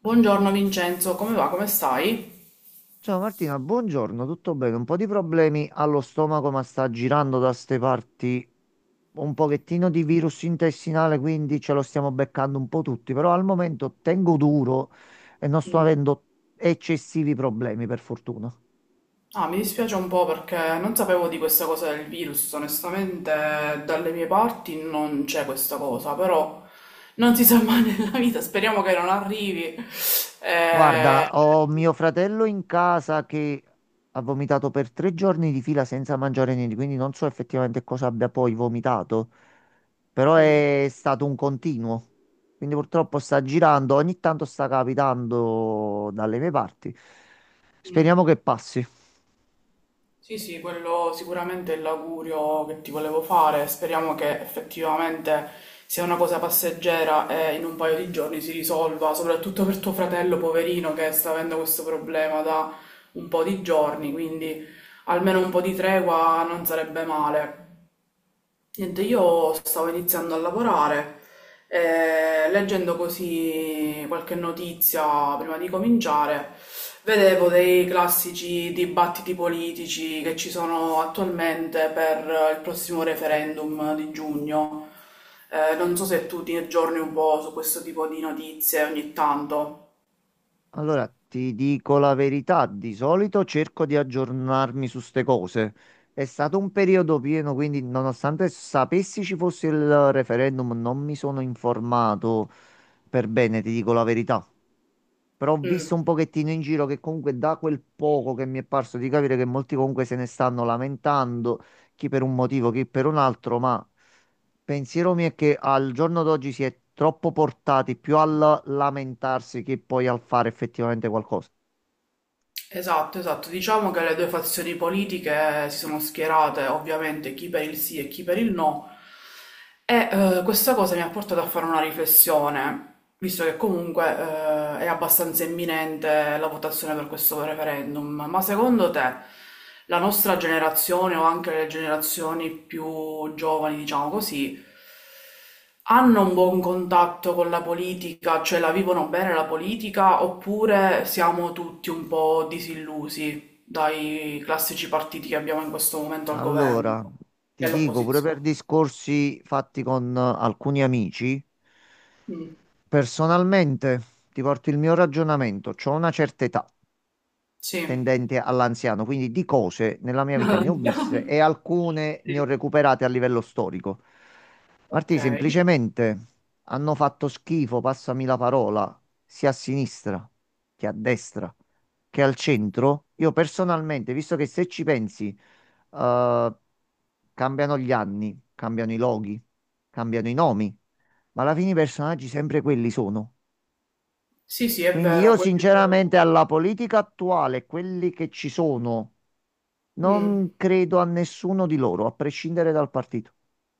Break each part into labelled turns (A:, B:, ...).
A: Buongiorno Vincenzo, come va? Come stai?
B: Ciao Martina, buongiorno, tutto bene? Un po' di problemi allo stomaco, ma sta girando da ste parti un pochettino di virus intestinale, quindi ce lo stiamo beccando un po' tutti, però al momento tengo duro e non sto avendo eccessivi problemi, per fortuna.
A: Ah, mi dispiace un po' perché non sapevo di questa cosa del virus, onestamente dalle mie parti non c'è questa cosa, però non si sa mai nella vita, speriamo che non arrivi. Eh.
B: Guarda, ho mio fratello in casa che ha vomitato per tre giorni di fila senza mangiare niente, quindi non so effettivamente cosa abbia poi vomitato, però
A: Mm.
B: è stato un continuo. Quindi purtroppo sta girando, ogni tanto sta capitando dalle mie parti.
A: Mm.
B: Speriamo che passi.
A: Sì, sì, quello sicuramente è l'augurio che ti volevo fare. Speriamo che effettivamente sia una cosa passeggera e in un paio di giorni si risolva, soprattutto per tuo fratello poverino che sta avendo questo problema da un po' di giorni, quindi almeno un po' di tregua non sarebbe male. Niente, io stavo iniziando a lavorare, e leggendo così qualche notizia prima di cominciare, vedevo dei classici dibattiti politici che ci sono attualmente per il prossimo referendum di giugno. Non so se tu ti aggiorni un po' su questo tipo di notizie ogni tanto.
B: Allora, ti dico la verità, di solito cerco di aggiornarmi su ste cose. È stato un periodo pieno, quindi nonostante sapessi ci fosse il referendum, non mi sono informato per bene, ti dico la verità. Però ho
A: Mm.
B: visto un pochettino in giro che comunque da quel poco che mi è parso di capire che molti comunque se ne stanno lamentando, chi per un motivo, chi per un altro, ma pensiero mio è che al giorno d'oggi si è troppo portati più al lamentarsi che poi al fare effettivamente qualcosa.
A: Esatto, esatto. Diciamo che le due fazioni politiche si sono schierate, ovviamente, chi per il sì e chi per il no. E questa cosa mi ha portato a fare una riflessione visto che comunque è abbastanza imminente la votazione per questo referendum, ma secondo te la nostra generazione o anche le generazioni più giovani, diciamo così, hanno un buon contatto con la politica, cioè la vivono bene la politica, oppure siamo tutti un po' disillusi dai classici partiti che abbiamo in questo momento al governo
B: Allora,
A: e
B: ti dico, pure per
A: all'opposizione?
B: discorsi fatti con alcuni amici,
A: Mm.
B: personalmente ti porto il mio ragionamento, ho una certa età,
A: Sì.
B: tendente all'anziano, quindi di cose nella mia vita
A: No,
B: ne ho viste
A: no.
B: e alcune
A: Sì.
B: ne ho recuperate a livello storico.
A: Ok.
B: Martì, semplicemente hanno fatto schifo, passami la parola, sia a sinistra che a destra che al centro. Io personalmente, visto che se ci pensi, eh, cambiano gli anni, cambiano i loghi, cambiano i nomi, ma alla fine i personaggi sempre quelli sono.
A: Sì, sì, è
B: Quindi io
A: vero,
B: sinceramente
A: quello.
B: alla politica attuale, quelli che ci sono,
A: Mm.
B: non credo a nessuno di loro, a prescindere dal partito.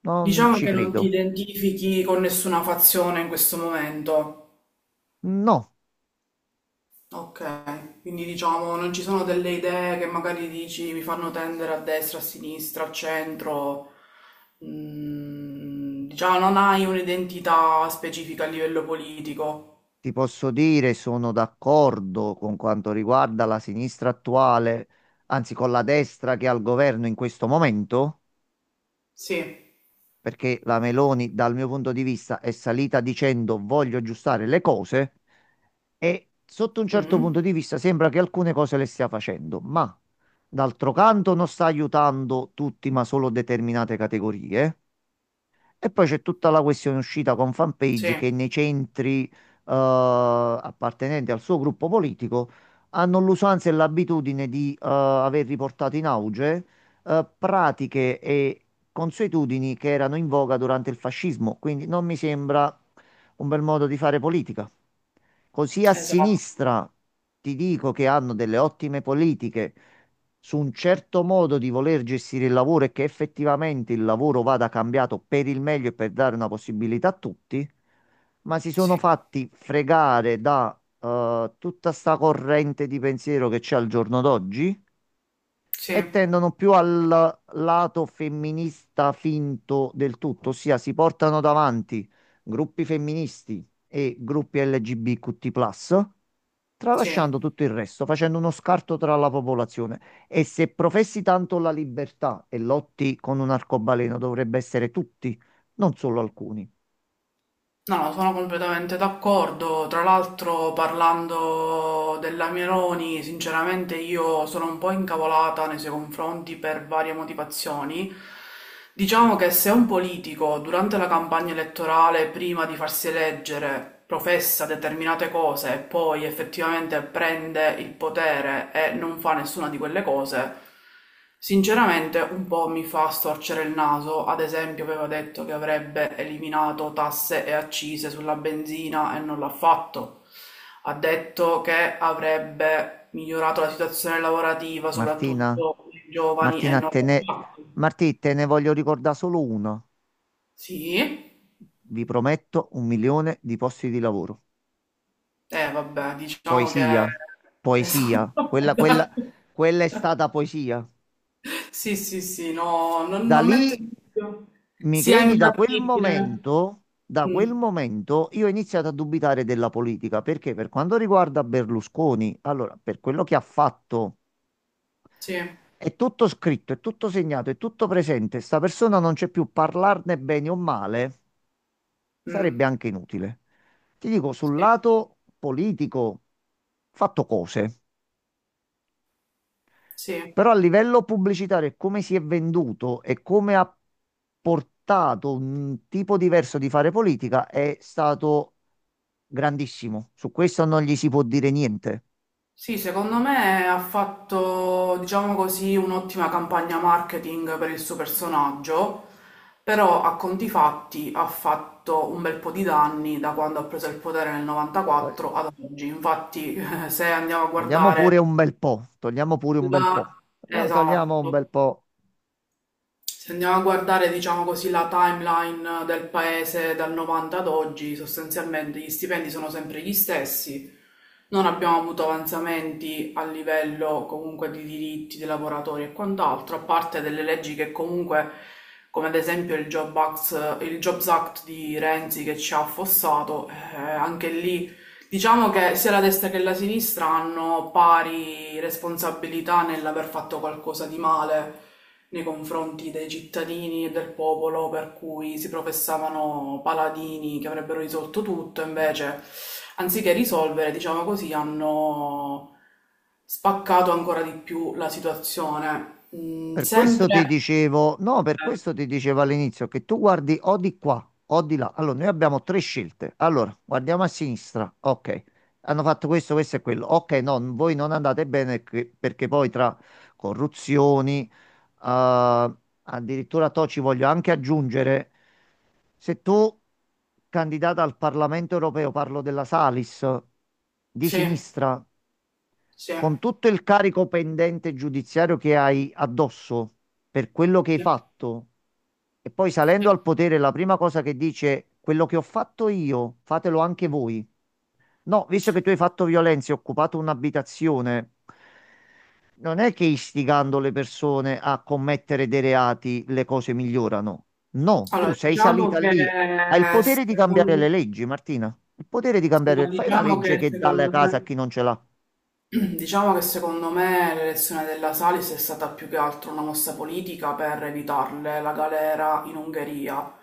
B: Non
A: Diciamo
B: ci
A: che non ti
B: credo.
A: identifichi con nessuna fazione in questo momento.
B: No,
A: Ok, quindi diciamo non ci sono delle idee che magari dici mi fanno tendere a destra, a sinistra, al centro. Mm, diciamo non hai un'identità specifica a livello politico.
B: ti posso dire, sono d'accordo con quanto riguarda la sinistra attuale, anzi con la destra che è al governo in questo momento,
A: Sì.
B: perché la Meloni, dal mio punto di vista, è salita dicendo voglio aggiustare le cose. E sotto un certo punto
A: Mm.
B: di vista sembra che alcune cose le stia facendo, ma d'altro canto non sta aiutando tutti, ma solo determinate categorie. E poi c'è tutta la questione uscita con
A: Sì,
B: fanpage che nei centri appartenenti al suo gruppo politico hanno l'usanza e l'abitudine di aver riportato in auge pratiche e consuetudini che erano in voga durante il fascismo. Quindi non mi sembra un bel modo di fare politica. Così a
A: esatto.
B: sinistra ti dico che hanno delle ottime politiche su un certo modo di voler gestire il lavoro e che effettivamente il lavoro vada cambiato per il meglio e per dare una possibilità a tutti, ma si sono
A: Sì,
B: fatti fregare da tutta sta corrente di pensiero che c'è al giorno d'oggi
A: sì,
B: e tendono più al lato femminista finto del tutto, ossia si portano davanti gruppi femministi e gruppi LGBTQ+,
A: sì.
B: tralasciando tutto il resto, facendo uno scarto tra la popolazione. E se professi tanto la libertà e lotti con un arcobaleno, dovrebbe essere tutti, non solo alcuni.
A: No, sono completamente d'accordo. Tra l'altro, parlando della Meloni, sinceramente io sono un po' incavolata nei suoi confronti per varie motivazioni. Diciamo che se un politico durante la campagna elettorale, prima di farsi eleggere, professa determinate cose e poi effettivamente prende il potere e non fa nessuna di quelle cose, sinceramente un po' mi fa storcere il naso, ad esempio aveva detto che avrebbe eliminato tasse e accise sulla benzina e non l'ha fatto. Ha detto che avrebbe migliorato la situazione lavorativa,
B: Martina,
A: soprattutto per i giovani, e
B: Martina,
A: non
B: te
A: l'ha
B: ne,
A: fatto.
B: Martì, te ne voglio ricordare solo uno.
A: Sì,
B: Vi prometto un milione di posti di lavoro.
A: eh vabbè, diciamo che...
B: Poesia, poesia,
A: Esatto,
B: quella, quella,
A: esatto.
B: quella è stata poesia.
A: Sì, sì, sì, no, non,
B: Da
A: non metto
B: lì,
A: in dubbio.
B: mi
A: Sia
B: credi, da quel
A: imbattibile.
B: momento, da
A: Mm.
B: quel momento io ho iniziato a dubitare della politica, perché per quanto riguarda Berlusconi, allora, per quello che ha fatto,
A: Sì.
B: è tutto scritto, è tutto segnato, è tutto presente, sta persona non c'è più, parlarne bene o male sarebbe
A: Mm.
B: anche inutile. Ti dico, sul
A: Sì,
B: lato politico, ho fatto cose.
A: sì.
B: Però a livello pubblicitario, e come si è venduto e come ha portato un tipo diverso di fare politica è stato grandissimo. Su questo non gli si può dire niente.
A: Sì, secondo me ha fatto, diciamo così, un'ottima campagna marketing per il suo personaggio, però a conti fatti ha fatto un bel po' di danni da quando ha preso il potere nel
B: Eh,
A: 94 ad oggi. Infatti, se andiamo a
B: Togliamo pure
A: guardare
B: un bel po', togliamo pure un bel po',
A: la...
B: togliamo, togliamo
A: Esatto.
B: un bel po'.
A: Se andiamo a guardare, diciamo così, la timeline del paese dal 90 ad oggi, sostanzialmente gli stipendi sono sempre gli stessi, non abbiamo avuto avanzamenti a livello comunque di diritti dei lavoratori e quant'altro, a parte delle leggi che comunque, come ad esempio il il Jobs Act di Renzi che ci ha affossato, anche lì. Diciamo che sia la destra che la sinistra hanno pari responsabilità nell'aver fatto qualcosa di male nei confronti dei cittadini e del popolo, per cui si professavano paladini che avrebbero risolto tutto, invece, anziché risolvere, diciamo così, hanno spaccato ancora di più la situazione. Mm,
B: Per questo ti
A: sempre...
B: dicevo, no, per
A: eh,
B: questo ti dicevo all'inizio che tu guardi o di qua o di là. Allora, noi abbiamo tre scelte. Allora, guardiamo a sinistra. Ok, hanno fatto questo, questo e quello. Ok, no, voi non andate bene perché poi tra corruzioni, eh, addirittura to ci voglio anche aggiungere, se tu, candidata al Parlamento europeo, parlo della Salis, di
A: sì,
B: sinistra
A: sì,
B: con tutto il carico pendente giudiziario che hai addosso per quello che hai
A: sì,
B: fatto, e poi salendo
A: sì.
B: al potere, la prima cosa che dice è quello che ho fatto io, fatelo anche voi. No, visto che tu hai fatto violenza e hai occupato un'abitazione, non è che istigando le persone a commettere dei reati le cose migliorano. No, tu
A: Allora,
B: sei
A: diciamo
B: salita
A: che
B: lì, hai il potere di cambiare le
A: secondo
B: leggi, Martina. Il potere di
A: Sì,
B: cambiare,
A: ma
B: fai una
A: diciamo
B: legge
A: che
B: che dà la
A: secondo
B: casa a
A: me,
B: chi non ce l'ha.
A: diciamo che secondo me l'elezione della Salis è stata più che altro una mossa politica per evitarle la galera in Ungheria,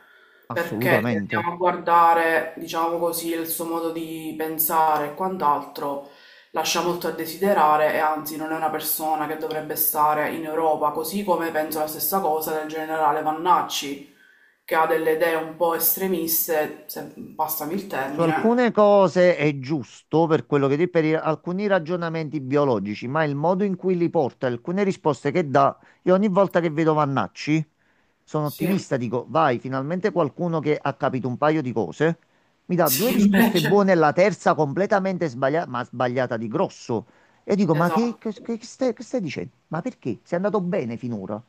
A: perché se
B: Assolutamente.
A: andiamo a guardare, diciamo così, il suo modo di pensare e quant'altro, lascia molto a desiderare e anzi non è una persona che dovrebbe stare in Europa, così come penso la stessa cosa del generale Vannacci, che ha delle idee un po' estremiste, se passami il
B: Su
A: termine.
B: alcune cose è giusto per quello che dici, alcuni ragionamenti biologici, ma il modo in cui li porta, alcune risposte che dà, io ogni volta che vedo Vannacci sono
A: Sì.
B: ottimista, dico, vai, finalmente qualcuno che ha capito un paio di cose, mi dà due
A: Sì,
B: risposte
A: invece.
B: buone e la terza completamente sbagliata, ma sbagliata di grosso. E dico, ma
A: Esatto.
B: che stai dicendo? Ma perché? Sei andato bene finora.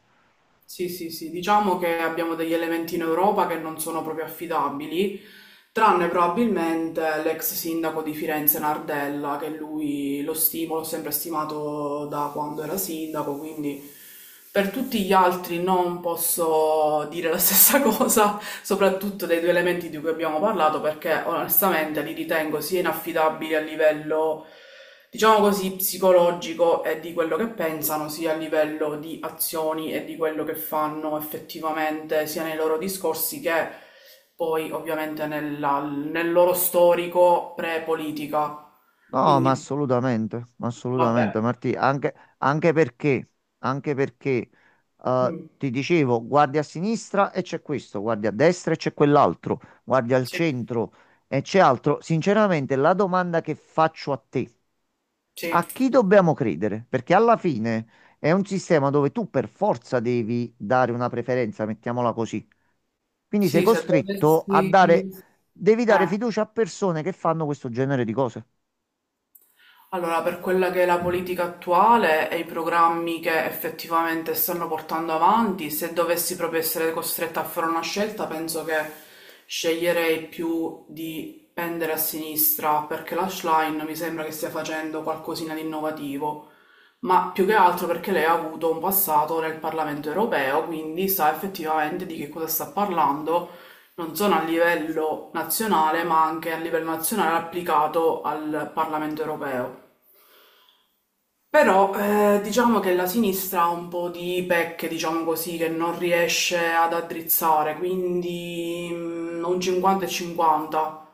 A: Sì, sì, sì. Diciamo che abbiamo degli elementi in Europa che non sono proprio affidabili, tranne probabilmente l'ex sindaco di Firenze Nardella, che lui lo stimo, l'ho sempre stimato da quando era sindaco, quindi per tutti gli altri non posso dire la stessa cosa, soprattutto dei due elementi di cui abbiamo parlato, perché onestamente li ritengo sia inaffidabili a livello diciamo così, psicologico e di quello che pensano, sia a livello di azioni e di quello che fanno effettivamente, sia nei loro discorsi che poi ovviamente nel loro storico pre-politica.
B: No,
A: Quindi,
B: ma assolutamente,
A: vabbè.
B: Martì, anche perché
A: Mm.
B: ti dicevo, guardi a sinistra e c'è questo, guardi a destra e c'è quell'altro, guardi al
A: Sì,
B: centro e c'è altro. Sinceramente, la domanda che faccio a te,
A: sì,
B: a chi dobbiamo credere? Perché alla fine è un sistema dove tu per forza devi dare una preferenza, mettiamola così. Quindi sei
A: sì, se
B: costretto a dare,
A: dovessi...
B: devi dare
A: Eh.
B: fiducia a persone che fanno questo genere di cose.
A: Allora, per quella che è la politica attuale e i programmi che effettivamente stanno portando avanti, se dovessi proprio essere costretta a fare una scelta, penso che sceglierei più di pendere a sinistra perché la Schlein mi sembra che stia facendo qualcosina di innovativo, ma più che altro perché lei ha avuto un passato nel Parlamento europeo, quindi sa effettivamente di che cosa sta parlando, non solo a livello nazionale, ma anche a livello nazionale applicato al Parlamento europeo. Però diciamo che la sinistra ha un po' di pecche, diciamo così, che non riesce ad addrizzare, quindi un 50 e 50.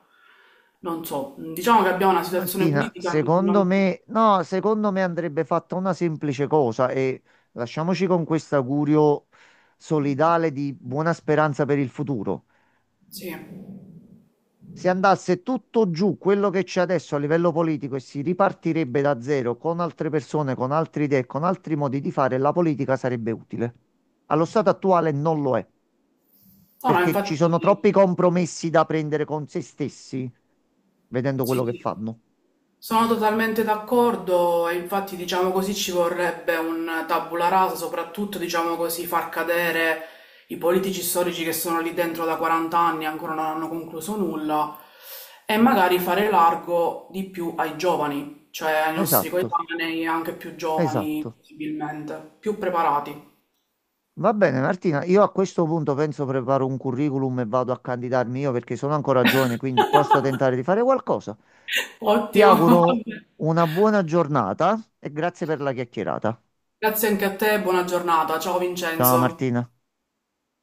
A: Non so, diciamo che abbiamo una situazione
B: Martina,
A: politica
B: secondo
A: non...
B: me, no, secondo me andrebbe fatta una semplice cosa e lasciamoci con questo augurio solidale di buona speranza per il futuro.
A: Sì.
B: Se andasse tutto giù quello che c'è adesso a livello politico e si ripartirebbe da zero con altre persone, con altre idee, con altri modi di fare, la politica sarebbe utile. Allo stato attuale non lo è,
A: No, no,
B: perché ci sono
A: infatti
B: troppi compromessi da prendere con se stessi, vedendo quello
A: sì,
B: che
A: sì.
B: fanno.
A: Sono totalmente d'accordo e infatti diciamo così ci vorrebbe un tabula rasa, soprattutto diciamo così far cadere i politici storici che sono lì dentro da 40 anni e ancora non hanno concluso nulla e magari fare largo di più ai giovani, cioè ai nostri
B: Esatto,
A: coetanei anche più giovani
B: esatto.
A: possibilmente, più preparati.
B: Va bene, Martina, io a questo punto penso preparo un curriculum e vado a candidarmi io perché sono ancora giovane, quindi posso tentare di fare qualcosa. Ti
A: Ottimo.
B: auguro una buona giornata e grazie per la chiacchierata.
A: Grazie anche a te, buona giornata. Ciao
B: Ciao
A: Vincenzo.
B: Martina.